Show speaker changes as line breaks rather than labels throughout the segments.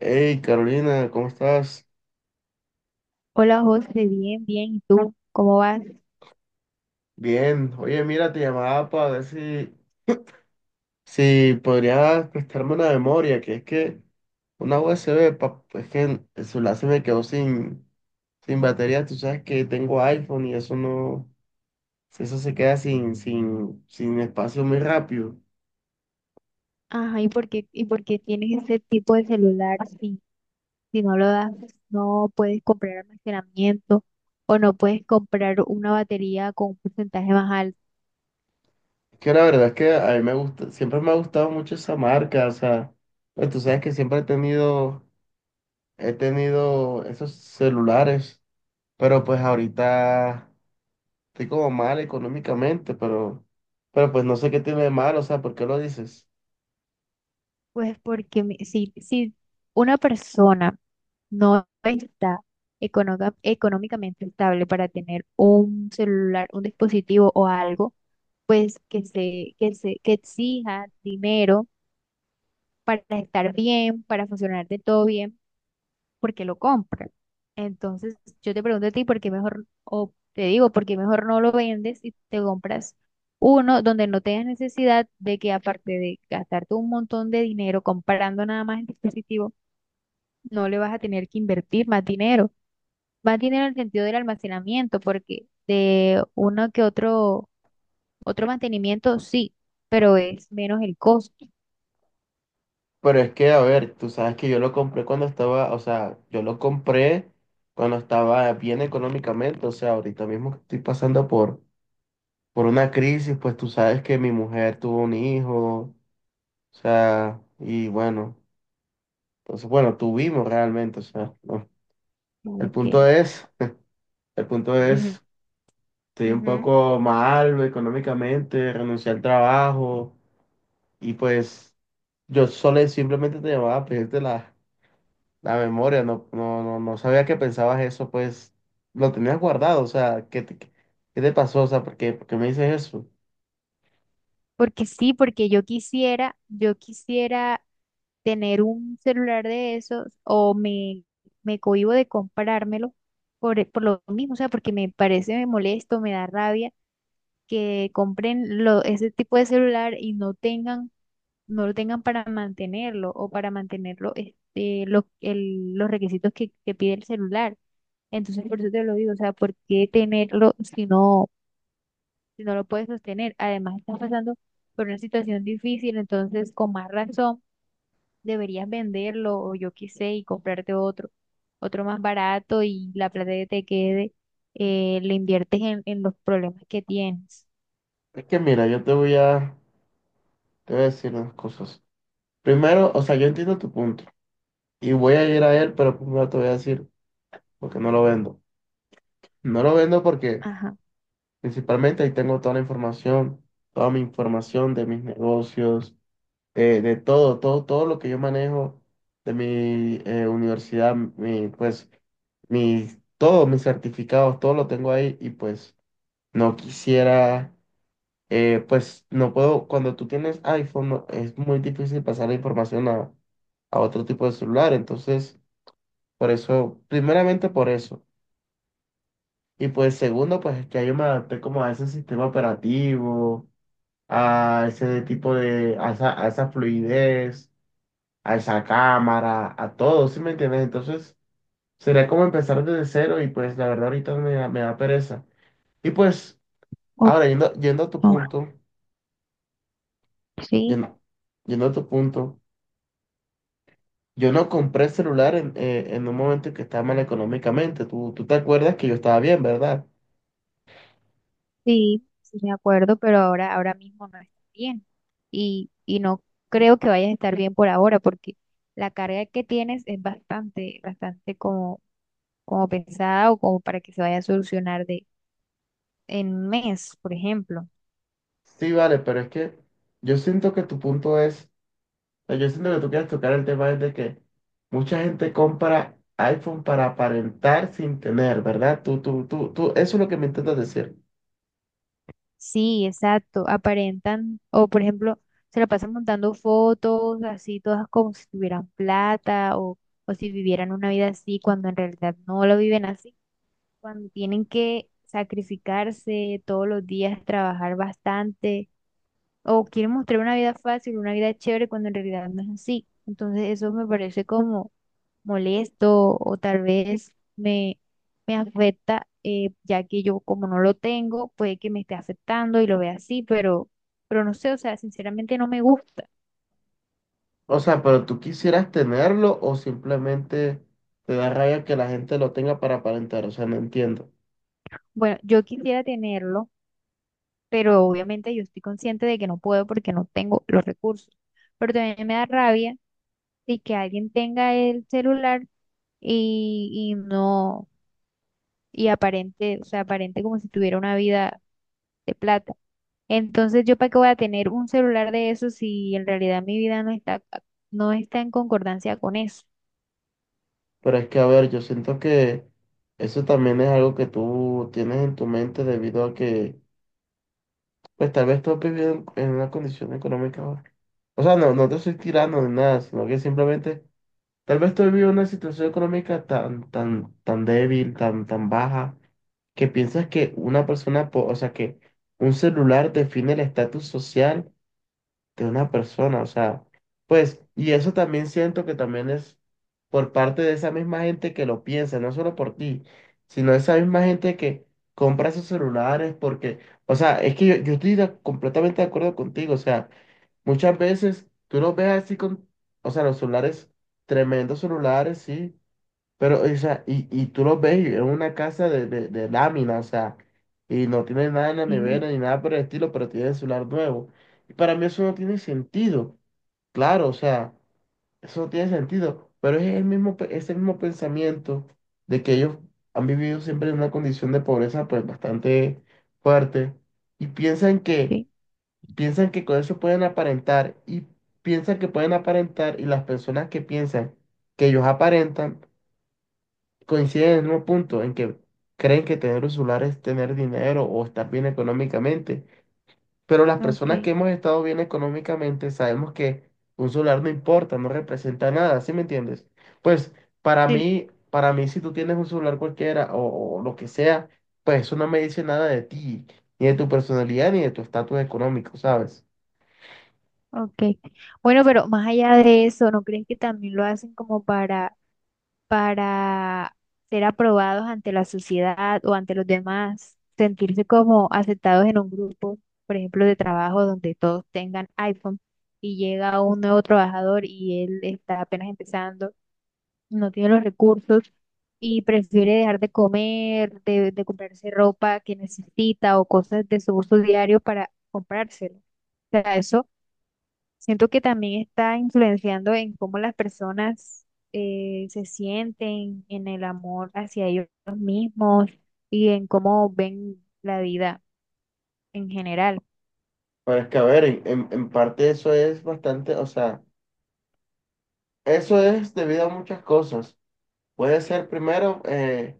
Hey Carolina, ¿cómo estás?
Hola José, bien, bien. ¿Y tú cómo vas?
Bien. Oye, mira, te llamaba para ver si podrías prestarme una memoria, que es que una USB, es que el celular se me quedó sin batería. Tú sabes que tengo iPhone y eso eso se queda sin espacio muy rápido.
Ajá, ¿y por qué tienes ese tipo de celular si no lo das, no puedes comprar almacenamiento o no puedes comprar una batería con un porcentaje más alto?
Es que la verdad es que a mí me gusta, siempre me ha gustado mucho esa marca, o sea, pues tú sabes que siempre he tenido esos celulares, pero pues ahorita estoy como mal económicamente, pero pues no sé qué tiene de malo, o sea, ¿por qué lo dices?
Pues porque si una persona no está económicamente estable para tener un celular, un dispositivo o algo, pues que exija dinero para estar bien, para funcionar de todo bien porque lo compran. Entonces, yo te pregunto a ti, ¿por qué mejor no lo vendes y te compras uno donde no tengas necesidad de que aparte de gastarte un montón de dinero comprando nada más el dispositivo, no le vas a tener que invertir más dinero? Más dinero en el sentido del almacenamiento, porque de uno que otro mantenimiento sí, pero es menos el costo.
Pero es que, a ver, tú sabes que yo lo compré cuando estaba, o sea, yo lo compré cuando estaba bien económicamente, o sea, ahorita mismo que estoy por una crisis, pues tú sabes que mi mujer tuvo un hijo, o sea, y bueno, entonces, bueno, tuvimos realmente, o sea, no. El
Ok.
punto es, el punto es, estoy un
Ujú.
poco mal económicamente, renuncié al trabajo y pues yo solo simplemente te llamaba a la memoria, no sabía que pensabas eso, pues lo tenías guardado, o sea, ¿qué te pasó? O sea, ¿por qué me dices eso?
Porque sí, porque yo quisiera tener un celular de esos me cohíbo de comprármelo por lo mismo, o sea, porque me parece, me molesto, me da rabia que ese tipo de celular y no tengan, no lo tengan para mantenerlo o para mantenerlo este, los requisitos que pide el celular. Entonces, por eso te lo digo, o sea, ¿por qué tenerlo si no lo puedes sostener? Además, estás pasando por una situación difícil, entonces, con más razón deberías venderlo o yo qué sé y comprarte otro más barato y la plata que te quede, le inviertes en los problemas que tienes.
Es que mira, yo te voy a decir unas cosas. Primero, o sea, yo entiendo tu punto y voy a ir a él, pero primero te voy a decir porque no lo vendo. No lo vendo porque
Ajá.
principalmente ahí tengo toda la información, toda mi información de mis negocios, de todo, todo, todo lo que yo manejo de mi, universidad, mi, pues, mis, todos mis certificados, todo lo tengo ahí y pues no quisiera, pues no puedo, cuando tú tienes iPhone es muy difícil pasar la información a otro tipo de celular, entonces, por eso, primeramente por eso. Y pues segundo, pues es que yo me adapté como a ese sistema operativo, a ese tipo de, a esa fluidez, a esa cámara, a todo, ¿sí me entiendes? Entonces, sería como empezar desde cero y pues la verdad ahorita me da pereza. Y pues,
O-
ahora yendo a tu
o-
punto,
sí,
yendo, yendo a tu punto, yo no compré celular en un momento en que estaba mal económicamente. Tú te acuerdas que yo estaba bien, ¿verdad?
sí, sí me acuerdo, pero ahora mismo no está bien. Y no creo que vayas a estar bien por ahora porque la carga que tienes es bastante, bastante como, como pensada o como para que se vaya a solucionar de en un mes, por ejemplo.
Sí, vale, pero es que yo siento que tu punto es, o sea, yo siento que tú quieres tocar el tema es de que mucha gente compra iPhone para aparentar sin tener, ¿verdad? Tú, eso es lo que me intentas decir.
Sí, exacto. Aparentan, o por ejemplo, se la pasan montando fotos así todas como si tuvieran plata o si vivieran una vida así cuando en realidad no lo viven así, cuando tienen que sacrificarse todos los días, trabajar bastante o quieren mostrar una vida fácil, una vida chévere cuando en realidad no es así. Entonces eso me parece como molesto o tal vez me, me afecta, ya que yo como no lo tengo, puede que me esté afectando y lo vea así, pero no sé, o sea, sinceramente no me gusta.
O sea, pero tú quisieras tenerlo o simplemente te da rabia que la gente lo tenga para aparentar. O sea, no entiendo.
Bueno, yo quisiera tenerlo, pero obviamente yo estoy consciente de que no puedo porque no tengo los recursos. Pero también me da rabia de que alguien tenga el celular y no, y aparente, o sea, aparente como si tuviera una vida de plata. Entonces, ¿yo para qué voy a tener un celular de eso si en realidad mi vida no está, no está en concordancia con eso?
Pero es que, a ver, yo siento que eso también es algo que tú tienes en tu mente debido a que, pues tal vez tú viviendo en una condición económica ahora. O sea, no te estoy tirando ni nada, sino que simplemente tal vez tú viviendo una situación económica tan débil, tan baja, que piensas que una persona, o sea, que un celular define el estatus social de una persona, o sea, pues, y eso también siento que también es por parte de esa misma gente que lo piensa, no solo por ti, sino esa misma gente que compra esos celulares porque, o sea, es que yo estoy completamente de acuerdo contigo, o sea, muchas veces tú los ves así con, o sea, los celulares, tremendos celulares, sí, pero, o sea, y tú lo ves, y es una casa de lámina, o sea, y no tiene nada en la
Sí,
nevera ni nada por el estilo, pero tiene el celular nuevo. Y para mí eso no tiene sentido, claro, o sea, eso no tiene sentido, pero es el mismo, es el mismo pensamiento de que ellos han vivido siempre en una condición de pobreza pues bastante fuerte y
sí,
piensan que con eso pueden aparentar y piensan que pueden aparentar y las personas que piensan que ellos aparentan coinciden en el mismo punto en que creen que tener un celular es tener dinero o estar bien económicamente, pero las
ok,
personas que hemos estado bien económicamente sabemos que un celular no importa, no representa nada, ¿sí me entiendes? Pues
sí,
para mí si tú tienes un celular cualquiera o lo que sea, pues eso no me dice nada de ti, ni de tu personalidad, ni de tu estatus económico, ¿sabes?
ok. Bueno, pero más allá de eso, ¿no creen que también lo hacen como para ser aprobados ante la sociedad o ante los demás? Sentirse como aceptados en un grupo, por ejemplo, de trabajo donde todos tengan iPhone y llega un nuevo trabajador y él está apenas empezando, no tiene los recursos y prefiere dejar de comer, de comprarse ropa que necesita o cosas de su uso diario para comprárselo. O sea, eso siento que también está influenciando en cómo las personas se sienten en el amor hacia ellos mismos y en cómo ven la vida en general.
Pero es que, a ver, en, en parte eso es bastante, o sea, eso es debido a muchas cosas. Puede ser primero,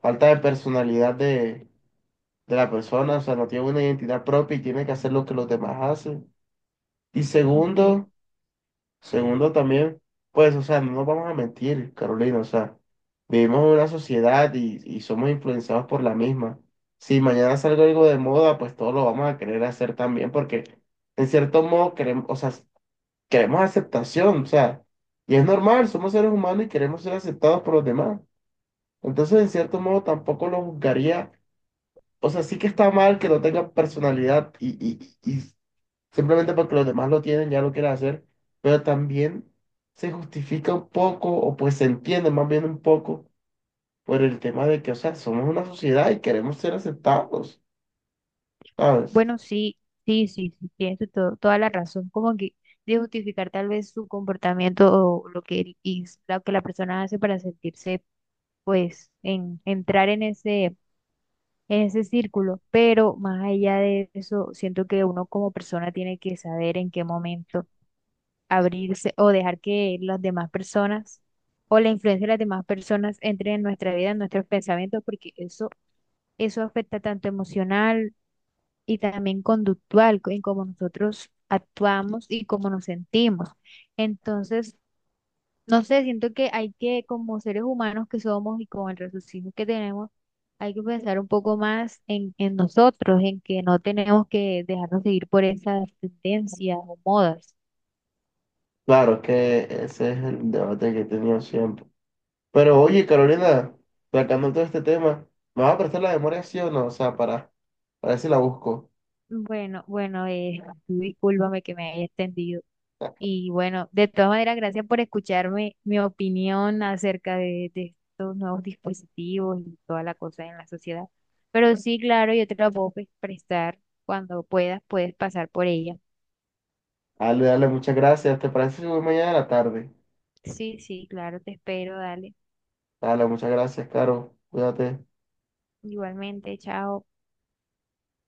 falta de personalidad de la persona, o sea, no tiene una identidad propia y tiene que hacer lo que los demás hacen. Y
Ok.
segundo, segundo también, pues, o sea, no nos vamos a mentir, Carolina, o sea, vivimos en una sociedad y somos influenciados por la misma. Si mañana sale algo de moda, pues todos lo vamos a querer hacer también, porque en cierto modo queremos, o sea, queremos aceptación, o sea, y es normal, somos seres humanos y queremos ser aceptados por los demás. Entonces, en cierto modo, tampoco lo juzgaría. O sea, sí que está mal que no tenga personalidad y simplemente porque los demás lo tienen ya lo quiere hacer, pero también se justifica un poco, o pues se entiende más bien un poco, por el tema de que, o sea, somos una sociedad y queremos ser aceptados, ¿sabes?
Bueno, sí, tienes toda la razón. Como que de justificar tal vez su comportamiento o lo que, él hiz- lo que la persona hace para sentirse, pues, en entrar en ese círculo. Pero más allá de eso, siento que uno como persona tiene que saber en qué momento abrirse o dejar que las demás personas o la influencia de las demás personas entren en nuestra vida, en nuestros pensamientos, porque eso afecta tanto emocional y también conductual, en cómo nosotros actuamos y cómo nos sentimos. Entonces, no sé, siento que hay que, como seres humanos que somos y con el raciocinio que tenemos, hay que pensar un poco más en nosotros, en que no tenemos que dejarnos seguir por esas tendencias o modas.
Claro que ese es el debate que he tenido siempre. Pero oye, Carolina, sacando todo este tema, ¿me vas a prestar la memoria sí o no? O sea, para ver si la busco.
Bueno, bueno, tú discúlpame que me haya extendido. Y bueno, de todas maneras, gracias por escucharme mi opinión acerca de estos nuevos dispositivos y toda la cosa en la sociedad. Pero sí, claro, yo te la puedo pues, prestar cuando puedas, puedes pasar por ella.
Dale, dale, muchas gracias. ¿Te parece si voy mañana a la tarde?
Sí, sí, claro, te espero, dale.
Dale, muchas gracias, Caro. Cuídate.
Igualmente, chao.